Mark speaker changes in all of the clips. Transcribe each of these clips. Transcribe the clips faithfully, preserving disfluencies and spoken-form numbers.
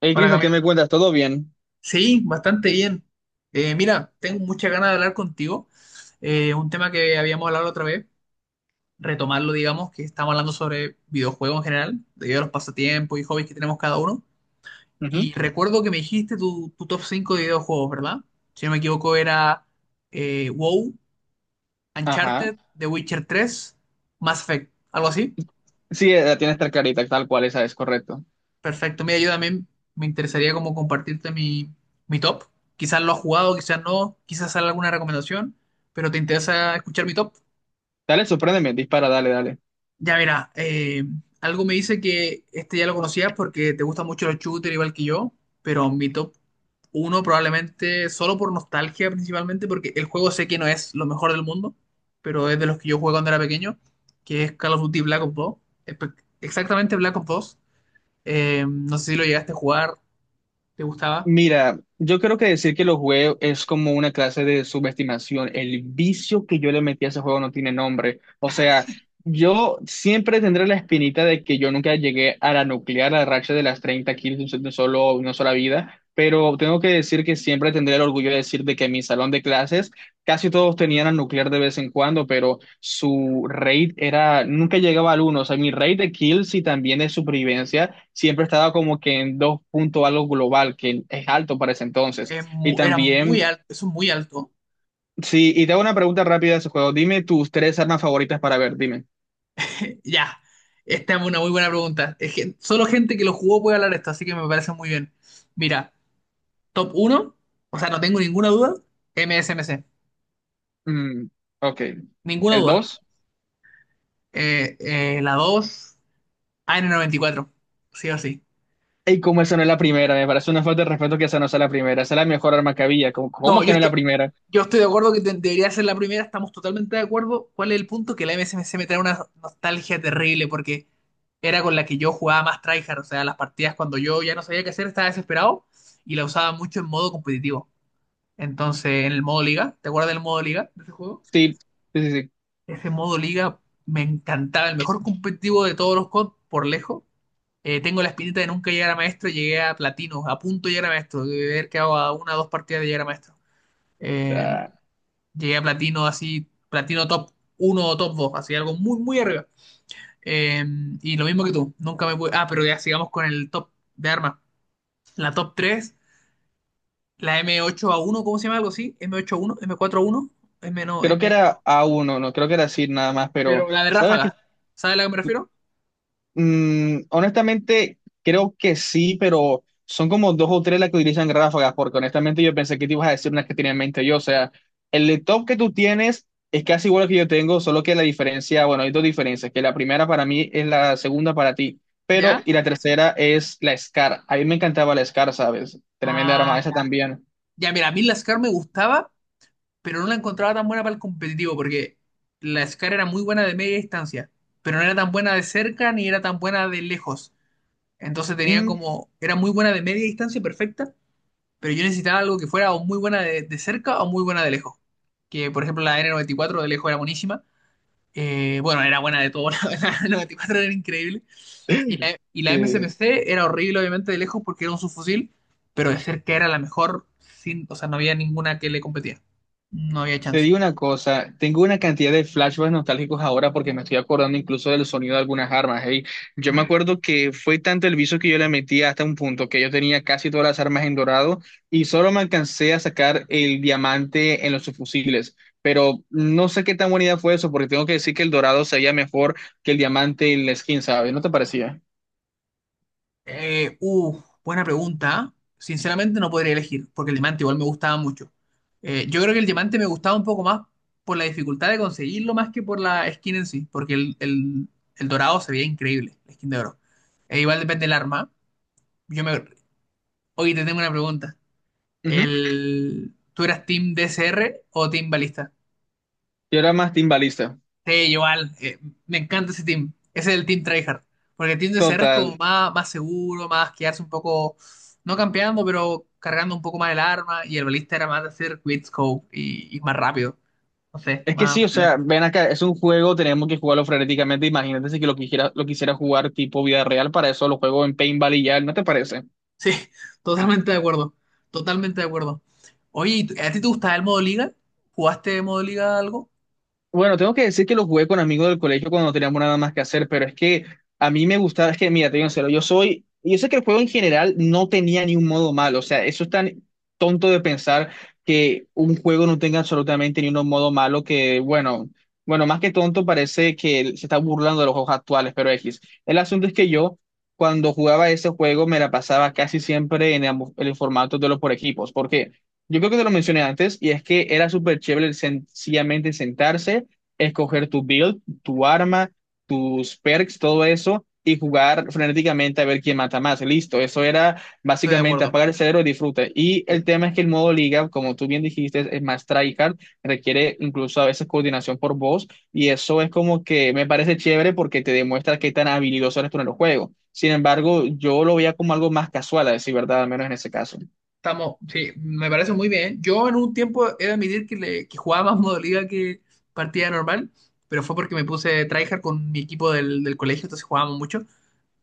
Speaker 1: Hey,
Speaker 2: Hola
Speaker 1: Cris, ¿qué
Speaker 2: Camila.
Speaker 1: me cuentas? ¿Todo bien?
Speaker 2: Sí, bastante bien. Eh, mira, tengo muchas ganas de hablar contigo. Eh, un tema que habíamos hablado otra vez, retomarlo, digamos, que estamos hablando sobre videojuegos en general, debido a los pasatiempos y hobbies que tenemos cada uno.
Speaker 1: Ujú.
Speaker 2: Y recuerdo que me dijiste tu, tu top cinco de videojuegos, ¿verdad? Si no me equivoco, era eh, WoW,
Speaker 1: Ajá.
Speaker 2: Uncharted, The Witcher tres, Mass Effect, algo así.
Speaker 1: Sí, eh, tienes tres clarita tal cual, esa es correcto.
Speaker 2: Perfecto. Mira, yo también me interesaría como compartirte mi, mi top. Quizás lo has jugado, quizás no, quizás salga alguna recomendación, pero te interesa escuchar mi top.
Speaker 1: Dale, sorpréndeme, dispara, dale, dale.
Speaker 2: Ya verá, eh, algo me dice que este ya lo conocías porque te gustan mucho los shooters igual que yo, pero mi top uno probablemente solo por nostalgia principalmente porque el juego sé que no es lo mejor del mundo, pero es de los que yo jugué cuando era pequeño, que es Call of Duty Black Ops dos. Espe- Exactamente Black Ops dos. Eh, no sé si lo llegaste a jugar, ¿te gustaba?
Speaker 1: Mira, yo creo que decir que lo jugué es como una clase de subestimación. El vicio que yo le metí a ese juego no tiene nombre. O sea, yo siempre tendré la espinita de que yo nunca llegué a la nuclear, a la racha de las treinta kills de un solo, una sola vida, pero tengo que decir que siempre tendré el orgullo de decir de que en mi salón de clases casi todos tenían al nuclear de vez en cuando, pero su rate era, nunca llegaba al uno. O sea, mi rate de kills y también de supervivencia siempre estaba como que en dos punto algo global, que es alto para ese entonces.
Speaker 2: es
Speaker 1: Y
Speaker 2: mu- era muy
Speaker 1: también,
Speaker 2: alto, eso es muy alto.
Speaker 1: sí, y te hago una pregunta rápida de ese juego. Dime tus tres armas favoritas para ver, dime.
Speaker 2: Ya, esta es una muy buena pregunta. Es que solo gente que lo jugó puede hablar de esto, así que me parece muy bien. Mira, top uno, o sea, no tengo ninguna duda, M S M C,
Speaker 1: Mm, ok.
Speaker 2: ninguna
Speaker 1: ¿El
Speaker 2: duda.
Speaker 1: dos?
Speaker 2: Eh, eh, la dos, A N noventa y cuatro, sí o sí.
Speaker 1: Y como esa no es la primera, me parece una falta de respeto que esa no sea la primera. Esa es la mejor arma que había. ¿Cómo,
Speaker 2: No,
Speaker 1: cómo que
Speaker 2: yo
Speaker 1: no es la
Speaker 2: estoy,
Speaker 1: primera?
Speaker 2: yo estoy de acuerdo que de- debería ser la primera, estamos totalmente de acuerdo. ¿Cuál es el punto? Que la M S M C me trae una nostalgia terrible porque era con la que yo jugaba más tryhard, o sea, las partidas cuando yo ya no sabía qué hacer, estaba desesperado y la usaba mucho en modo competitivo. Entonces, en el modo liga, ¿te acuerdas del modo liga de ese juego?
Speaker 1: Sí, sí, sí, sí.
Speaker 2: Ese modo liga me encantaba, el mejor competitivo de todos los COD por lejos. Eh, tengo la espinita de nunca llegar a maestro, llegué a platino, a punto de llegar a maestro, de haber quedado a una o dos partidas de llegar a maestro. Eh,
Speaker 1: Ah.
Speaker 2: Llegué a platino así, platino top uno o top dos así algo muy, muy arriba. Eh, y lo mismo que tú, nunca me pude... Ah, pero ya sigamos con el top de armas. La top tres, la M ocho A uno, ¿cómo se llama algo así? M ocho A uno, M cuatro A uno, M cuatro A uno, M no,
Speaker 1: Creo que
Speaker 2: M...
Speaker 1: era a uno, no creo que era así nada más, pero
Speaker 2: Pero la de
Speaker 1: sabes que
Speaker 2: ráfaga, ¿sabes a la que me refiero?
Speaker 1: mm, honestamente creo que sí, pero son como dos o tres las que utilizan ráfagas, porque honestamente yo pensé que te ibas a decir unas que tenía en mente yo, o sea, el laptop que tú tienes es casi igual al que yo tengo, solo que la diferencia, bueno, hay dos diferencias, que la primera para mí es la segunda para ti, pero
Speaker 2: ¿Ya?
Speaker 1: y la tercera es la S C A R. A mí me encantaba la S C A R, ¿sabes? Tremenda arma
Speaker 2: Ah,
Speaker 1: esa
Speaker 2: ya.
Speaker 1: también.
Speaker 2: Ya, mira, a mí la SCAR me gustaba, pero no la encontraba tan buena para el competitivo, porque la SCAR era muy buena de media distancia, pero no era tan buena de cerca ni era tan buena de lejos. Entonces tenía
Speaker 1: Mm,
Speaker 2: como, era muy buena de media distancia, perfecta, pero yo necesitaba algo que fuera o muy buena de, de cerca o muy buena de lejos. Que por ejemplo la N noventa y cuatro de lejos era buenísima. Eh, bueno, era buena de todo, la N noventa y cuatro era increíble. Y la, y la
Speaker 1: sí.
Speaker 2: M S M C era horrible, obviamente, de lejos porque era un subfusil, pero de cerca era la mejor, sin, o sea, no había ninguna que le competía. No había
Speaker 1: Te
Speaker 2: chance.
Speaker 1: digo una cosa, tengo una cantidad de flashbacks nostálgicos ahora porque me estoy acordando incluso del sonido de algunas armas. Hey, yo me acuerdo que fue tanto el vicio que yo le metí hasta un punto que yo tenía casi todas las armas en dorado y solo me alcancé a sacar el diamante en los subfusiles. Pero no sé qué tan buena idea fue eso porque tengo que decir que el dorado se veía mejor que el diamante en la skin, ¿sabes? ¿No te parecía?
Speaker 2: Eh, uh, buena pregunta. Sinceramente no podría elegir, porque el diamante igual me gustaba mucho. Eh, yo creo que el diamante me gustaba un poco más por la dificultad de conseguirlo más que por la skin en sí, porque el, el- el dorado se veía increíble, la skin de oro. E igual depende del arma. Yo me... Oye, te tengo una pregunta.
Speaker 1: Ujú.
Speaker 2: El... ¿Tú eras team D C R o team balista?
Speaker 1: Yo era más timbalista.
Speaker 2: Sí, igual, eh, me encanta ese team. Ese es el team tryhard. Porque el team de C R es como
Speaker 1: Total.
Speaker 2: más, más seguro, más quedarse un poco, no campeando, pero cargando un poco más el arma. Y el balista era más de hacer quick scope y, y más rápido. No sé,
Speaker 1: Es que sí,
Speaker 2: más
Speaker 1: o sea,
Speaker 2: frenético.
Speaker 1: ven acá, es un juego, tenemos que jugarlo frenéticamente. Imagínate si que lo quisiera, lo quisiera jugar tipo vida real, para eso lo juego en Paintball y ya, ¿no te parece?
Speaker 2: Sí, totalmente de acuerdo. Totalmente de acuerdo. Oye, ¿y tú- ¿a ti te gustaba el modo liga? ¿Jugaste modo liga algo?
Speaker 1: Bueno, tengo que decir que lo jugué con amigos del colegio cuando no teníamos nada más que hacer, pero es que a mí me gustaba, es que mira, te digo en serio, yo soy, yo sé que el juego en general no tenía ni un modo malo, o sea, eso es tan tonto de pensar que un juego no tenga absolutamente ni un modo malo que, bueno, bueno, más que tonto parece que se está burlando de los juegos actuales, pero X. El asunto es que yo, cuando jugaba ese juego, me la pasaba casi siempre en ambos- en el formato de los por equipos, porque... Yo creo que te lo mencioné antes, y es que era súper chévere sen- sencillamente sentarse, escoger tu build, tu arma, tus perks, todo eso, y jugar frenéticamente a ver quién mata más. Listo, eso era
Speaker 2: Estoy de
Speaker 1: básicamente
Speaker 2: acuerdo.
Speaker 1: apagar el cerebro y disfruta. Y
Speaker 2: Sí.
Speaker 1: el tema es que el modo liga, como tú bien dijiste, es más tryhard, requiere incluso a veces coordinación por voz, y eso es como que me parece chévere porque te demuestra qué tan habilidoso eres tú en el juego. Sin embargo, yo lo veía como algo más casual, a decir verdad, al menos en ese caso.
Speaker 2: Estamos, sí, me parece muy bien. Yo en un tiempo he de admitir que, le, que jugaba más modo liga que partida normal, pero fue porque me puse tryhard con mi equipo del, del colegio, entonces jugábamos mucho.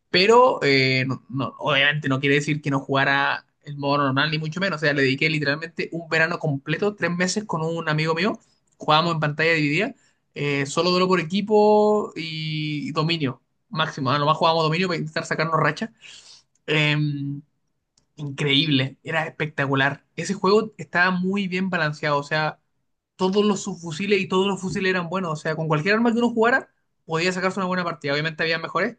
Speaker 2: Pero eh, no, no, obviamente no quiere decir que no jugara el modo normal, ni mucho menos. O sea, le dediqué literalmente un verano completo, tres meses con un amigo mío. Jugábamos en pantalla dividida, eh, solo duelo por equipo y, y dominio máximo. A lo más jugábamos dominio para intentar sacarnos racha. Eh, Increíble, era espectacular. Ese juego estaba muy bien balanceado, o sea, todos los subfusiles y todos los fusiles eran buenos, o sea, con cualquier arma que uno jugara podía sacarse una buena partida. Obviamente había mejores,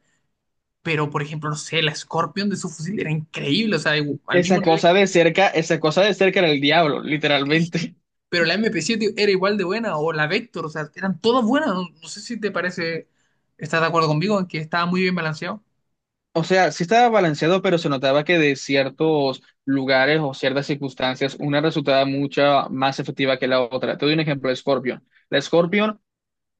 Speaker 2: pero por ejemplo, no sé, la Scorpion de subfusil era increíble, o sea, igu- al mismo,
Speaker 1: Esa cosa de cerca, esa cosa de cerca era el diablo, literalmente.
Speaker 2: pero la m p siete era igual de buena, o la Vector, o sea, eran todas buenas. No, no sé si te parece, estás de acuerdo conmigo en que estaba muy bien balanceado.
Speaker 1: O sea, sí estaba balanceado, pero se notaba que de ciertos lugares o ciertas circunstancias, una resultaba mucho más efectiva que la otra. Te doy un ejemplo, la Scorpion. La Scorpion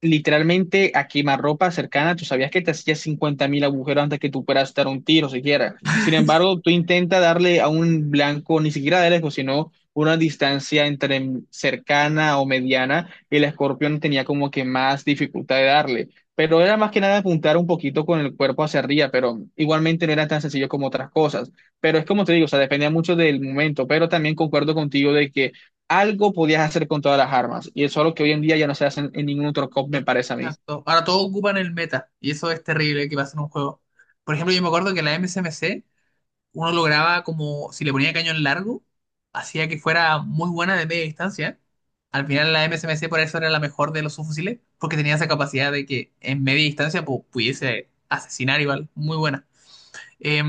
Speaker 1: literalmente a quemarropa cercana, tú sabías que te hacías cincuenta mil agujeros antes que tú puedas dar un tiro siquiera. Sin embargo, tú intenta darle a un blanco, ni siquiera de lejos, sino una distancia entre cercana o mediana, y el escorpión tenía como que más dificultad de darle. Pero era más que nada apuntar un poquito con el cuerpo hacia arriba, pero igualmente no era tan sencillo como otras cosas. Pero es como te digo, o sea, dependía mucho del momento, pero también concuerdo contigo de que algo podías hacer con todas las armas. Y eso es lo que hoy en día ya no se hace en, en ningún otro C O P, me parece a mí.
Speaker 2: Exacto. Ahora todos ocupan el meta, y eso es terrible que pasa en un juego. Por ejemplo, yo me acuerdo que la M S M C uno lograba como, si le ponía cañón largo, hacía que fuera muy buena de media distancia. Al final la M S M C por eso era la mejor de los subfusiles, porque tenía esa capacidad de que en media distancia pu- pudiese asesinar igual, muy buena. Eh,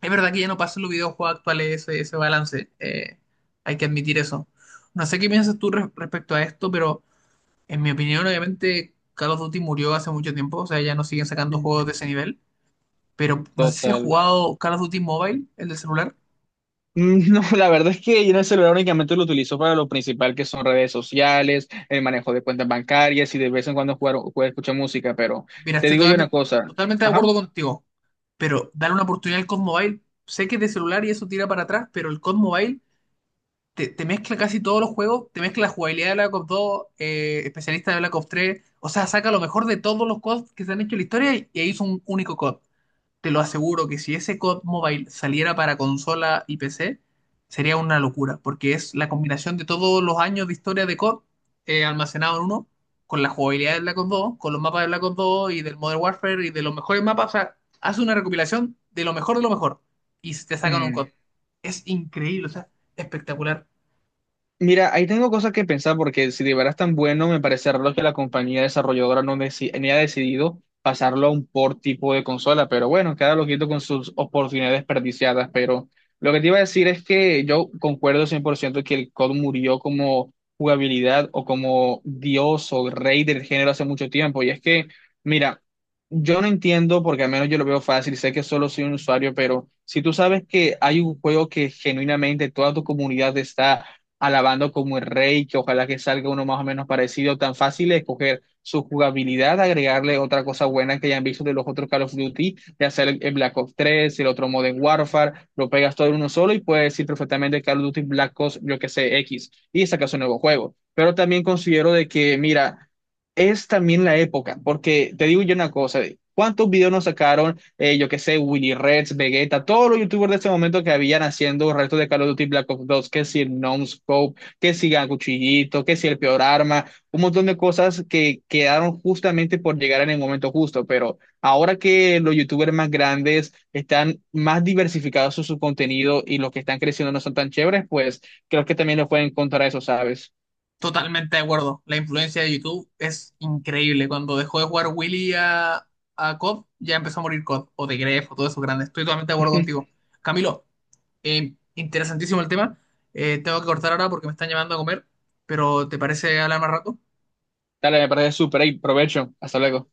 Speaker 2: es verdad que ya no pasa en los videojuegos actuales ese, ese balance, eh, hay que admitir eso. No sé qué piensas tú re- respecto a esto, pero en mi opinión obviamente Call of Duty murió hace mucho tiempo, o sea, ya no siguen sacando
Speaker 1: Mm.
Speaker 2: juegos de ese nivel, pero no sé si has
Speaker 1: Total.
Speaker 2: jugado Call of Duty Mobile, el de celular.
Speaker 1: Mm, no, la verdad es que yo en el celular únicamente lo utilizo para lo principal que son redes sociales, el manejo de cuentas bancarias y de vez en cuando jugar, jugar escuchar música, pero
Speaker 2: Mira,
Speaker 1: te
Speaker 2: estoy
Speaker 1: digo yo una
Speaker 2: totalmente,
Speaker 1: cosa.
Speaker 2: totalmente de
Speaker 1: Ajá.
Speaker 2: acuerdo contigo, pero dale una oportunidad al COD Mobile. Sé que es de celular y eso tira para atrás, pero el COD Mobile te, te mezcla casi todos los juegos, te mezcla la jugabilidad de Black Ops dos, eh, especialista de Black Ops tres, o sea, saca lo mejor de todos los COD que se han hecho en la historia y, e hizo un único COD. Te lo aseguro que si ese COD Mobile saliera para consola y P C, sería una locura, porque es la combinación de todos los años de historia de COD, eh, almacenado en uno, con la jugabilidad de Black Ops dos, con los mapas de Black Ops dos y del Modern Warfare y de los mejores mapas. O sea, hace una recopilación de lo mejor de lo mejor y te sacan un
Speaker 1: Mm.
Speaker 2: COD. Es increíble, o sea, espectacular.
Speaker 1: Mira, ahí tengo cosas que pensar porque si de verdad es tan bueno, me parece raro que la compañía desarrolladora no, deci- ni ha decidido pasarlo a un port tipo de consola, pero bueno, cada loquito con sus oportunidades desperdiciadas, pero lo que te iba a decir es que yo concuerdo cien por ciento que el C O D murió como jugabilidad o como dios o rey del género hace mucho tiempo, y es que, mira, yo no entiendo porque al menos yo lo veo fácil, sé que solo soy un usuario, pero si tú sabes que hay un juego que genuinamente toda tu comunidad está alabando como el rey, que ojalá que salga uno más o menos parecido, tan fácil es escoger su jugabilidad, agregarle otra cosa buena que hayan visto de los otros Call of Duty, de hacer el el Black Ops tres, el otro Modern Warfare, lo pegas todo en uno solo y puedes decir perfectamente Call of Duty Black Ops, yo que sé, X, y sacas un nuevo juego. Pero también considero de que, mira, es también la época, porque te digo yo una cosa, ¿cuántos videos nos sacaron? Eh, yo qué sé, Willy Reds, Vegeta, todos los youtubers de ese momento que habían haciendo restos de Call of Duty Black Ops dos, que si el Scope, que si el Cuchillito, que si el Peor Arma, un montón de cosas que quedaron justamente por llegar en el momento justo, pero ahora que los youtubers más grandes están más diversificados en su contenido y los que están creciendo no son tan chéveres, pues creo que también lo pueden encontrar a eso, ¿sabes?
Speaker 2: Totalmente de acuerdo. La influencia de YouTube es increíble. Cuando dejó de jugar Willy a, a COD, ya empezó a morir COD o D o de Grefg o todo eso grande. Estoy totalmente de acuerdo contigo. Camilo, eh, interesantísimo el tema. Eh, tengo que cortar ahora porque me están llamando a comer, pero ¿te parece hablar más rato?
Speaker 1: Dale, me parece súper, ahí, provecho, hasta luego.